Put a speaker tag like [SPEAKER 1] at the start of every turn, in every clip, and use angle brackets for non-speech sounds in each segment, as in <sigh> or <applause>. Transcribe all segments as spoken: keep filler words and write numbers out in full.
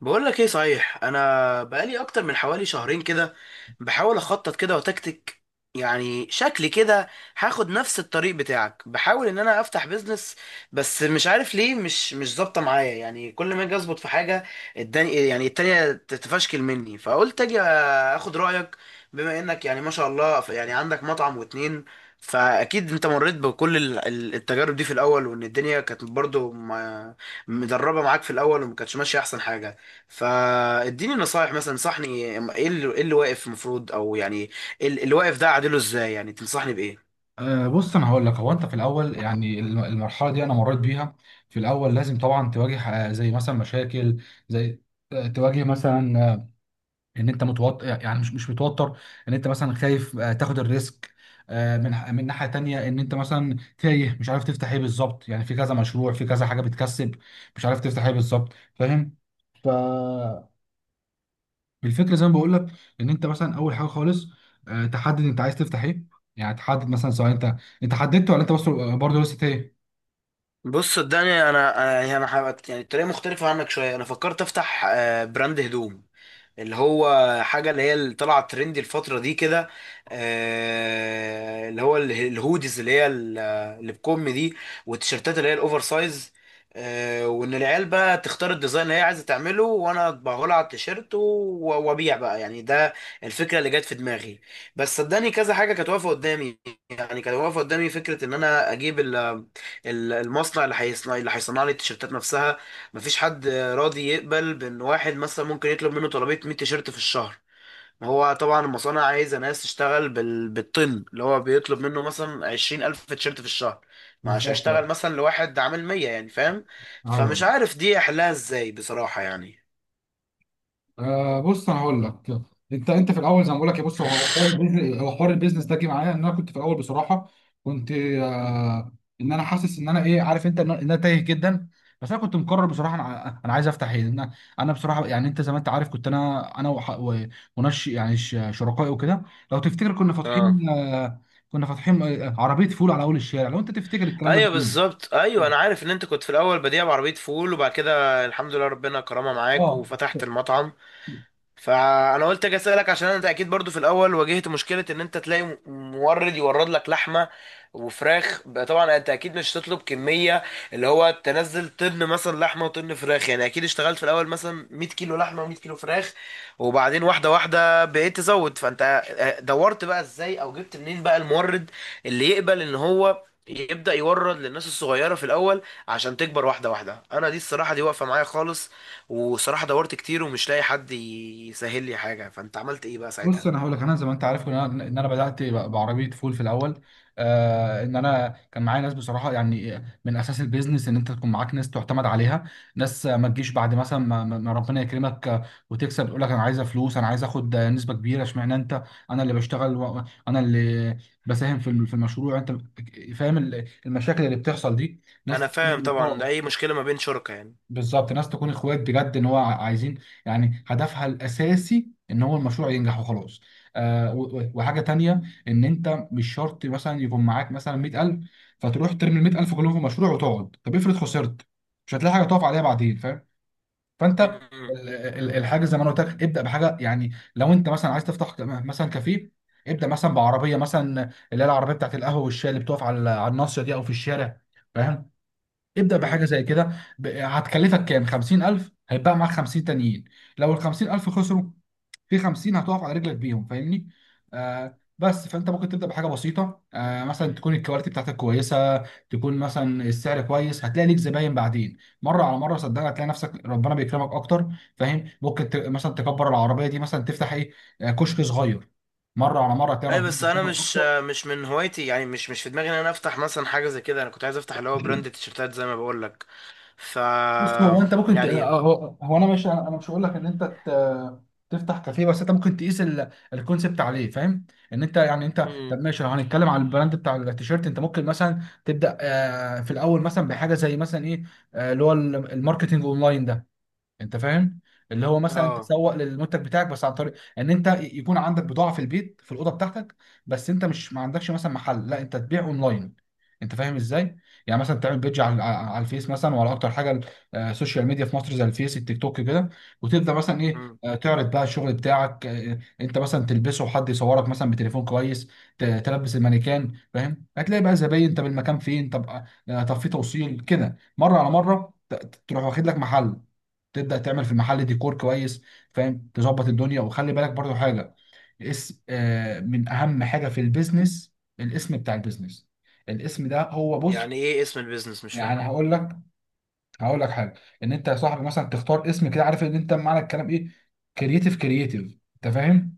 [SPEAKER 1] بقول لك ايه. صحيح، انا بقالي اكتر من حوالي شهرين كده بحاول اخطط كده وتكتك. يعني شكلي كده هاخد نفس الطريق بتاعك، بحاول ان انا افتح بيزنس. بس مش عارف ليه مش مش ظابطه معايا، يعني كل ما اجي اظبط في حاجه الدني يعني التانية تتفشكل مني، فقلت اجي اخد رايك. بما انك يعني ما شاء الله ف- يعني عندك مطعم واتنين، فاكيد انت مريت بكل ال- ال- التجارب دي في الاول، وان الدنيا كانت برضو ما- مدربه معاك في الاول وما كانتش ماشيه احسن حاجه. فاديني نصايح، مثلا انصحني ايه اللي, إيه اللي واقف المفروض، او يعني إيه اللي اللي واقف ده اعدله ازاي؟ يعني تنصحني بايه؟
[SPEAKER 2] أه بص انا هقول لك، هو انت في الاول يعني الم- المرحله دي انا مريت بيها. في الاول لازم طبعا تواجه، آه، زي مثلا مشاكل، زي آه، تواجه مثلا، آه، ان انت متوتر، يعني مش مش متوتر، ان انت مثلا خايف آه، تاخد الريسك، آه، من ح- من ناحيه تانية ان انت مثلا تايه مش عارف تفتح ايه بالظبط، يعني في كذا مشروع في كذا حاجه بتكسب مش عارف تفتح ايه بالظبط. فاهم؟ ف الفكره زي ما بقول لك، ان انت مثلا اول حاجه خالص آه، تحدد انت عايز تفتح ايه، يعني تحدد مثلا، سواء انت انت حددت ولا انت بس برضه لسه ايه
[SPEAKER 1] بص صدقني، انا انا يعني انا حابب- يعني الطريقه مختلفه عنك شويه. انا فكرت افتح آه، براند هدوم، اللي هو حاجة اللي هي اللي طلعت ترندي الفترة دي كده، آه، اللي هو اله- الهوديز اللي هي ال- اللي بكم دي، والتيشيرتات اللي هي الاوفر سايز. آه، وان العيال بقى تختار الديزاين اللي هي عايزة تعمله وانا اطبعه لها على التيشيرت و- وابيع بقى. يعني ده الفكرة اللي جت في دماغي. بس صدقني كذا حاجة كانت واقفة قدامي. يعني كانت واقفة قدامي فكرة ان انا اجيب ال- ال- المصنع اللي هيصنع اللي هيصنع لي التيشيرتات نفسها. مفيش حد راضي يقبل بان واحد مثلا ممكن يطلب منه طلبية مية تيشيرت في الشهر. ما هو طبعا المصانع عايزة ناس تشتغل بال... بالطن، اللي هو بيطلب منه مثلا عشرين الف تيشيرت في الشهر، مش
[SPEAKER 2] بالظبط.
[SPEAKER 1] هشتغل مثلا لواحد عامل مية، يعني فاهم.
[SPEAKER 2] ايوه،
[SPEAKER 1] فمش عارف دي احلها ازاي بصراحة يعني.
[SPEAKER 2] آه بص انا هقول لك، انت انت في الاول زي ما بقول لك، يا بص هو حوار البيزنس- هو حوار البيزنس ده جه معايا ان انا كنت في الاول بصراحه كنت، آه ان انا حاسس ان انا ايه، عارف انت، ان انا إن أنا تايه جدا. بس انا كنت مقرر بصراحه انا ع- انا عايز افتح ايه انا. انا بصراحه يعني انت زي ما انت عارف كنت انا انا وح- و- ونش يعني ش- شركائي وكده، لو تفتكر كنا
[SPEAKER 1] اه،
[SPEAKER 2] فاتحين، آه كنا فاتحين آه، عربيه فول على اول الشارع لو انت تفتكر الكلام ده.
[SPEAKER 1] ايوه بالظبط، ايوه انا عارف ان انت كنت في الاول بديع بعربيه فول، وبعد كده الحمد لله ربنا كرمها معاك
[SPEAKER 2] اه
[SPEAKER 1] وفتحت المطعم. فانا قلت اجي اسالك، عشان انت اكيد برضو في الاول واجهت مشكله ان انت تلاقي م- مورد يورد لك لحمه وفراخ. بقى طبعا انت اكيد مش هتطلب كميه اللي هو تنزل طن مثلا لحمه وطن فراخ، يعني اكيد اشتغلت في الاول مثلا 100 كيلو لحمه و100 كيلو فراخ، وبعدين واحده واحده بقيت تزود. فانت آه، دورت بقى ازاي، او جبت منين بقى المورد اللي يقبل ان هو يبدأ يورد للناس الصغيرة في الأول عشان تكبر واحدة واحدة؟ أنا دي الصراحة دي واقفة معايا خالص. وصراحة دورت كتير ومش لاقي حد يسهل لي حاجة، فانت عملت ايه بقى
[SPEAKER 2] بص انا
[SPEAKER 1] ساعتها؟
[SPEAKER 2] هقول لك، انا زي ما انت عارف ان انا إن أنا بدات ب- بعربيه فول في الاول، آه ان انا كان معايا ناس بصراحه يعني. من اساس البيزنس ان انت تكون معاك ناس تعتمد عليها، ناس ما تجيش بعد مثلا ما, ما ما ربنا يكرمك وتكسب تقول لك انا عايزه فلوس، انا عايز اخد نسبه كبيره، اشمعنى؟ انت انا اللي بشتغل و- انا اللي بساهم في الم- في المشروع. انت فاهم ال- المشاكل اللي بتحصل دي.
[SPEAKER 1] انا
[SPEAKER 2] ناس،
[SPEAKER 1] فاهم طبعا، ده
[SPEAKER 2] اه،
[SPEAKER 1] اي مشكلة ما بين شركاء يعني.
[SPEAKER 2] بالظبط. ناس تكون اخوات بجد ان هو ع- عايزين، يعني هدفها الاساسي ان هو المشروع ينجح وخلاص. آه و- و- وحاجه تانية، ان انت مش شرط مثلا يكون معاك مثلا مائة ألف، فتروح ترمي ال مائة ألف كلهم في مشروع وتقعد، طب افرض خسرت مش هتلاقي حاجه تقف عليها بعدين. فاهم؟ فانت
[SPEAKER 1] امم.
[SPEAKER 2] ال- ال- الحاجه زي ما انا قلت لك، ابدا بحاجه، يعني لو انت مثلا عايز تفتح ك- مثلا كافيه، ابدا مثلا بعربيه، مثلا اللي هي العربيه بتاعت القهوه والشاي اللي بتقف على على الناصيه دي او في الشارع. فاهم؟ ابدأ بحاجة
[SPEAKER 1] امم.
[SPEAKER 2] زي كده، ب- هتكلفك كام، خمسين ألف؟ هيبقى معاك خمسين تانيين، لو ال خمسين ألف خسروا، في خمسين هتقف على رجلك بيهم، فاهمني؟ آه بس فانت ممكن تبدأ بحاجة بسيطة، آه مثلا تكون الكواليتي بتاعتك كويسة، تكون مثلا السعر كويس، هتلاقي ليك زباين بعدين مرة على مرة. صدقني، هتلاقي نفسك ربنا بيكرمك اكتر، فاهم؟ ممكن ت... مثلا تكبر العربية دي، مثلا تفتح ايه، آه، كشك صغير، مرة على مرة هتلاقي
[SPEAKER 1] اي،
[SPEAKER 2] ربنا
[SPEAKER 1] بس انا
[SPEAKER 2] بيكرمك
[SPEAKER 1] مش
[SPEAKER 2] اكتر.
[SPEAKER 1] مش من هوايتي، يعني مش مش في دماغي ان انا افتح مثلا حاجة زي كده. انا كنت عايز افتح اللي هو براند تيشرتات زي ما بقول لك. ف
[SPEAKER 2] بص هو انت ممكن ت...
[SPEAKER 1] يعني
[SPEAKER 2] آه، هو هو انا مش انا أنا مش هقول لك ان انت ت... تفتح كافيه، بس انت ممكن تقيس ال... الكونسبت عليه، فاهم؟ ان انت يعني انت، طب
[SPEAKER 1] امم.
[SPEAKER 2] ماشي، لو هنتكلم على البراند بتاع التيشيرت انت ممكن مثلا تبدا، آه، في الاول مثلا بحاجه زي مثلا ايه، آه، اللي هو ال- الماركتينج اونلاين ده. انت فاهم؟ اللي هو مثلا
[SPEAKER 1] اه.
[SPEAKER 2] تسوق للمنتج بتاعك، بس عن طريق ان انت يكون عندك بضاعه في البيت في الاوضه بتاعتك، بس انت مش ما عندكش مثلا محل، لا، انت تبيع اونلاين. انت فاهم ازاي؟ يعني مثلا تعمل بيدج على على الفيس مثلا وعلى اكتر حاجه ال- آه، السوشيال ميديا في مصر، زي الفيس، التيك توك كده، وتبدا مثلا ايه،
[SPEAKER 1] امم.
[SPEAKER 2] آه، تعرض بقى الشغل بتاعك، آه، انت مثلا تلبسه، وحد يصورك مثلا بتليفون كويس، ت- تلبس المانيكان. فاهم؟ هتلاقي بقى زباين. طب المكان فين؟ طب، آه، طب في توصيل كده، مره على مره ت- تروح واخد لك محل، تبدا تعمل في المحل ديكور كويس، فاهم؟ تظبط الدنيا. وخلي بالك برضو حاجه، اسم آه من اهم حاجه في البيزنس الاسم بتاع البيزنس. الاسم ده هو، بص،
[SPEAKER 1] يعني ايه اسم البيزنس؟ مش فاهم.
[SPEAKER 2] يعني هقول لك هقول لك حاجه، ان انت يا صاحبي مثلا تختار اسم كده، عارف ان انت معنى الكلام ايه، كرييتيف كرييتيف. انت فاهم؟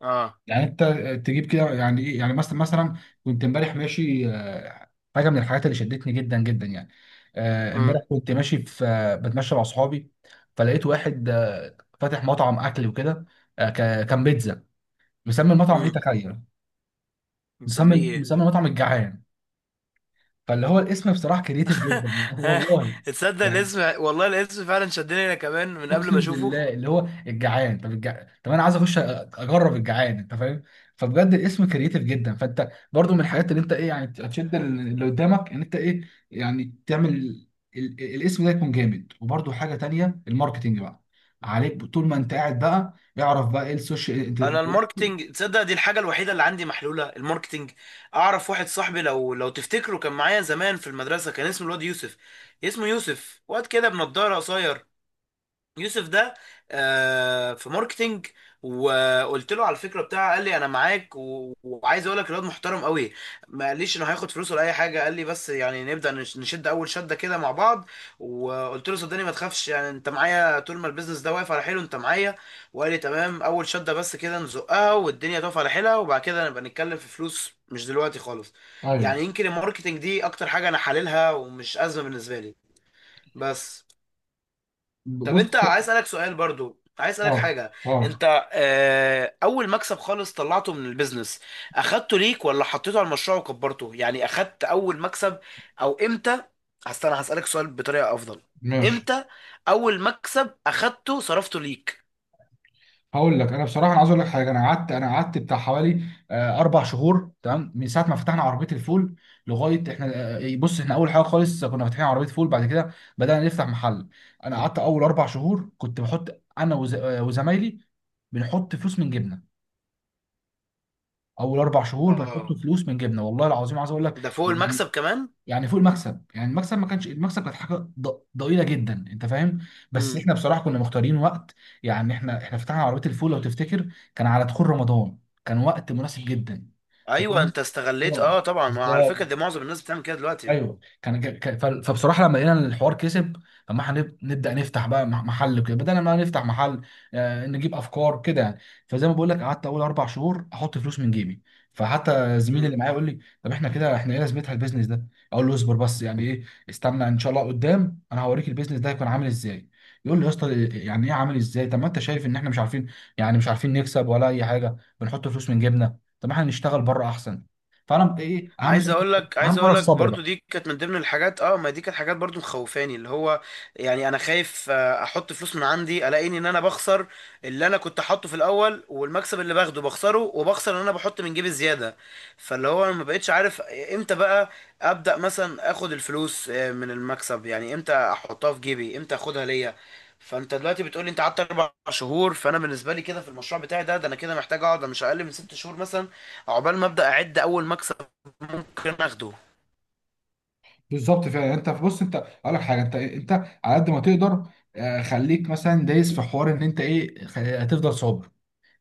[SPEAKER 1] اه.
[SPEAKER 2] يعني انت تجيب كده يعني ايه، يعني مثلا، مثلا كنت امبارح ماشي، آه، حاجه من الحاجات اللي شدتني جدا جدا يعني، آه، امبارح
[SPEAKER 1] امم.
[SPEAKER 2] كنت ماشي في آه، بتمشى مع اصحابي، فلقيت واحد آه، فاتح مطعم اكل وكده، آه، ك- كان بيتزا، مسمي المطعم ايه،
[SPEAKER 1] امم.
[SPEAKER 2] تخيل؟ مسمي
[SPEAKER 1] نسميه ايه؟
[SPEAKER 2] مسمي المطعم الجعان. فاللي هو الاسم بصراحه كريتيف
[SPEAKER 1] <laughs>
[SPEAKER 2] جدا يعني <laughs>
[SPEAKER 1] ها.
[SPEAKER 2] والله،
[SPEAKER 1] تصدق
[SPEAKER 2] يعني
[SPEAKER 1] الاسم والله، الاسم فعلا شدني انا كمان من قبل ما
[SPEAKER 2] اقسم
[SPEAKER 1] اشوفه.
[SPEAKER 2] بالله، اللي هو الجعان، طب الجع... طب انا عايز اخش، أ- اجرب الجعان، انت فاهم؟ فبجد الاسم كرييتيف جدا. فانت برضو من الحاجات اللي انت ايه يعني تشد اللي قدامك، ان انت ايه يعني تعمل ال... ال- الاسم ده يكون جامد. وبرضو حاجه تانية، الماركتينج بقى عليك طول ما انت قاعد بقى. اعرف بقى ايه السوشيال
[SPEAKER 1] انا
[SPEAKER 2] انت-
[SPEAKER 1] الماركتينج، تصدق دي الحاجه الوحيده اللي عندي محلوله، الماركتينج. اعرف واحد صاحبي، لو لو تفتكره، كان معايا زمان في المدرسه، كان اسمه الواد يوسف. اسمه يوسف، واد كده بنضاره قصير. يوسف ده آه، في ماركتينج. وقلت له على الفكره بتاعه، قال لي انا معاك، و- وعايز اقول لك الواد محترم قوي، ما قاليش انه هياخد فلوس ولا اي حاجه. قال لي بس يعني نبدا نش- نشد اول شده كده مع بعض. وقلت له صدقني ما تخافش، يعني انت معايا، طول ما البيزنس ده واقف على حيله انت معايا. وقال لي تمام، اول شده بس كده نزقها والدنيا تقف على حيلها، وبعد كده نبقى نتكلم في فلوس، مش دلوقتي خالص. يعني
[SPEAKER 2] ايوه،
[SPEAKER 1] يمكن الماركتينج دي اكتر حاجه انا حللها، ومش ازمه بالنسبه لي. بس طب
[SPEAKER 2] بص،
[SPEAKER 1] انت عايز اسالك سؤال، برضو عايز اسالك
[SPEAKER 2] اه،
[SPEAKER 1] حاجه.
[SPEAKER 2] اه،
[SPEAKER 1] انت آه، اول مكسب خالص طلعته من البيزنس، اخدته ليك ولا حطيته على المشروع وكبرته؟ يعني اخدت اول مكسب او امتى؟ استنى هسالك سؤال بطريقه افضل.
[SPEAKER 2] ماشي.
[SPEAKER 1] امتى اول مكسب اخدته صرفته ليك؟
[SPEAKER 2] هقول لك، انا بصراحه انا عايز اقول لك حاجه، انا قعدت انا قعدت بتاع حوالي آه، اربع شهور تمام من ساعه ما فتحنا عربيه الفول لغايه احنا آه، بص احنا اول حاجه خالص كنا فاتحين عربيه فول، بعد كده بدانا نفتح محل. انا قعدت اول اربع شهور كنت بحط انا وز- آه، وزمايلي بنحط فلوس من جبنه. اول اربع شهور بنحط
[SPEAKER 1] اه،
[SPEAKER 2] فلوس من جبنه، والله العظيم عايز اقول لك،
[SPEAKER 1] ده فوق
[SPEAKER 2] يعني
[SPEAKER 1] المكسب كمان.
[SPEAKER 2] يعني فوق المكسب. يعني المكسب ما كانش، المكسب كانت حاجه ض- ضئيله جدا، انت فاهم؟ بس
[SPEAKER 1] امم.
[SPEAKER 2] احنا بصراحه كنا مختارين وقت، يعني احنا احنا فتحنا عربيه الفول لو تفتكر كان على دخول رمضان، كان وقت مناسب جدا. أنت
[SPEAKER 1] ايوه،
[SPEAKER 2] فاهم؟
[SPEAKER 1] انت استغليت،
[SPEAKER 2] اه،
[SPEAKER 1] اه طبعا، ما على فكره دي
[SPEAKER 2] بالظبط.
[SPEAKER 1] معظم الناس بتعمل كده دلوقتي.
[SPEAKER 2] ايوه كان، كان- كان- ف- فبصراحه لما لقينا ان الحوار كسب، فما هنب- نبدا نفتح بقى مح- محل كده بدل ما نفتح محل، آه، نجيب افكار كده يعني. فزي ما بقول لك قعدت اول اربع شهور احط فلوس من جيبي. فحتى زميلي اللي
[SPEAKER 1] امم.
[SPEAKER 2] معايا يقول لي، طب احنا كده احنا ايه لازمتها البيزنس ده؟ اقول له اصبر، بس يعني ايه؟ استنى ان شاء الله قدام انا هوريك البيزنس ده هيكون عامل ازاي. يقول لي، يا اسطى إيه- يعني ايه عامل ازاي؟ طب ما انت شايف ان احنا مش عارفين، يعني مش عارفين نكسب ولا اي حاجه، بنحط فلوس من جيبنا، طب ما احنا نشتغل بره احسن. فانا ايه اهم
[SPEAKER 1] عايز
[SPEAKER 2] حاجه؟
[SPEAKER 1] اقول لك
[SPEAKER 2] اهم
[SPEAKER 1] عايز
[SPEAKER 2] حاجه
[SPEAKER 1] اقول لك
[SPEAKER 2] الصبر
[SPEAKER 1] برضو
[SPEAKER 2] بقى.
[SPEAKER 1] دي كانت من ضمن الحاجات. اه، ما دي كانت حاجات برضو مخوفاني اللي هو، يعني انا خايف آه، احط فلوس من عندي الاقيني ان انا بخسر اللي انا كنت حاطه في الاول، والمكسب اللي باخده بخسره، وبخسر ان انا بحط من جيبي زياده. فاللي هو انا ما بقتش عارف امتى بقى ابدا مثلا اخد الفلوس آه، من المكسب. يعني امتى احطها في جيبي، امتى اخدها ليا؟ فانت دلوقتي بتقولي انت قعدت اربع شهور، فانا بالنسبه لي كده في المشروع بتاعي ده، ده انا كده محتاج اقعد مش اقل من ست شهور مثلا عقبال ما ابدا اعد اول مكسب ممكن اخده.
[SPEAKER 2] بالظبط فعلا. يعني انت بص، انت اقول لك حاجه، انت إيه، انت على قد ما تقدر، آه، خليك مثلا دايس في حوار ان انت ايه، خ- هتفضل صابر،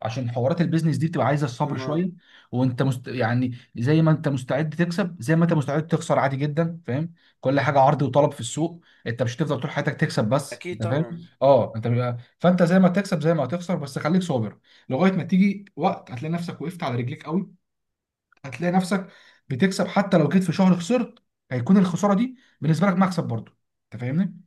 [SPEAKER 2] عشان حوارات البيزنس دي بتبقى عايزه الصبر
[SPEAKER 1] آه.
[SPEAKER 2] شويه. وانت مست... يعني زي ما انت مستعد تكسب، زي ما انت مستعد تخسر، عادي جدا، فاهم؟ كل حاجه عرض وطلب في السوق، انت مش هتفضل طول حياتك تكسب بس،
[SPEAKER 1] اكيد
[SPEAKER 2] انت فاهم؟
[SPEAKER 1] طبعا.
[SPEAKER 2] اه انت بيبقى... فانت زي ما تكسب زي ما هتخسر، بس خليك صابر لغايه ما تيجي وقت هتلاقي نفسك وقفت على رجليك قوي، هتلاقي نفسك بتكسب. حتى لو جيت في شهر خسرت، هيكون الخساره دي بالنسبه لك مكسب برضو، انت فاهمني؟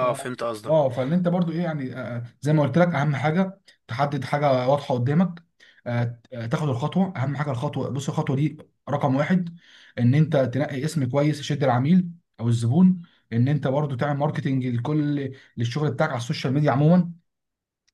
[SPEAKER 2] ف-
[SPEAKER 1] فهمت قصدك.
[SPEAKER 2] اه فاللي انت برضو ايه يعني، آه، آه، زي ما قلت لك اهم حاجه تحدد حاجه واضحه قدامك، آه، آه، تاخد الخطوه. اهم حاجه الخطوه، بص الخطوه دي رقم واحد، ان انت تنقي اسم كويس يشد العميل او الزبون. ان انت برضو تعمل ماركتنج لكل للشغل بتاعك على السوشيال ميديا عموما،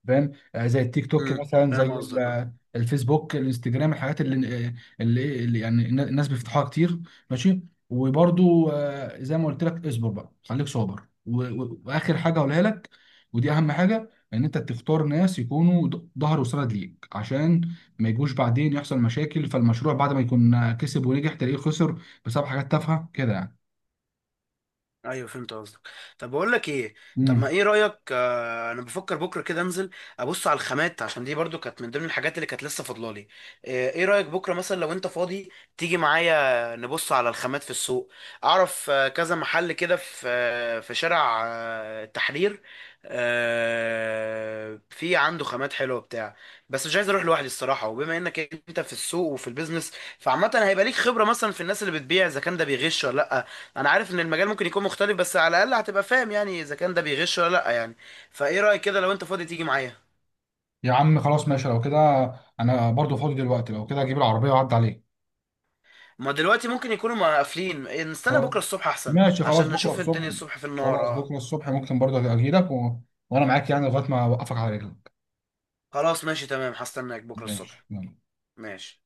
[SPEAKER 2] فاهم؟ آه، زي التيك توك
[SPEAKER 1] مم.
[SPEAKER 2] مثلا، زي
[SPEAKER 1] فاهم
[SPEAKER 2] ال-
[SPEAKER 1] قصدك، اه.
[SPEAKER 2] آه، الفيسبوك، الانستجرام، الحاجات اللي آه، اللي, اللي يعني النا- الناس بيفتحوها كتير، ماشي؟ وبرضو آه، زي ما قلت لك اصبر بقى، خليك صابر، و- و- واخر حاجه هقولها لك، ودي اهم حاجه، ان انت تختار ناس يكونوا ض- ظهر وسند ليك، عشان ما يجوش بعدين يحصل مشاكل فالمشروع، بعد ما يكون آه، كسب ونجح تلاقيه خسر بسبب حاجات تافهه كده يعني.
[SPEAKER 1] ايوه، فهمت قصدك. طب بقول لك ايه، طب ما
[SPEAKER 2] امم
[SPEAKER 1] ايه رايك، آه انا بفكر بكره كده انزل ابص على الخامات، عشان دي برضو كانت من ضمن الحاجات اللي كانت لسه فاضلالي. آه، ايه رايك بكره مثلا لو انت فاضي تيجي معايا نبص على الخامات في السوق؟ اعرف آه كذا محل كده في آه في شارع آه التحرير، آه في عنده خامات حلوه بتاع. بس مش عايز اروح لوحدي الصراحه، وبما انك انت في السوق وفي البيزنس، فعامه هيبقى ليك خبره مثلا في الناس اللي بتبيع اذا كان ده بيغش ولا لا. انا عارف ان المجال ممكن يكون مختلف، بس على الاقل هتبقى فاهم يعني اذا كان ده بيغش ولا لا يعني. فايه رايك كده لو انت فاضي تيجي معايا؟
[SPEAKER 2] يا عم خلاص، ماشي، لو كده انا برضو فاضي دلوقتي، لو كده اجيب العربيه واعدي عليك.
[SPEAKER 1] ما دلوقتي ممكن يكونوا مقفلين، إيه، نستنى
[SPEAKER 2] خلاص،
[SPEAKER 1] بكره الصبح احسن
[SPEAKER 2] ماشي، خلاص
[SPEAKER 1] عشان
[SPEAKER 2] بكره
[SPEAKER 1] نشوف الدنيا
[SPEAKER 2] الصبح
[SPEAKER 1] الصبح في النهار،
[SPEAKER 2] خلاص
[SPEAKER 1] اه.
[SPEAKER 2] بكره الصبح ممكن برضه أبقى اجي لك و... وانا معاك يعني لغايه ما اوقفك على رجلك.
[SPEAKER 1] خلاص ماشي تمام، هستناك بكره
[SPEAKER 2] ماشي،
[SPEAKER 1] الصبح.
[SPEAKER 2] يلا
[SPEAKER 1] ماشي.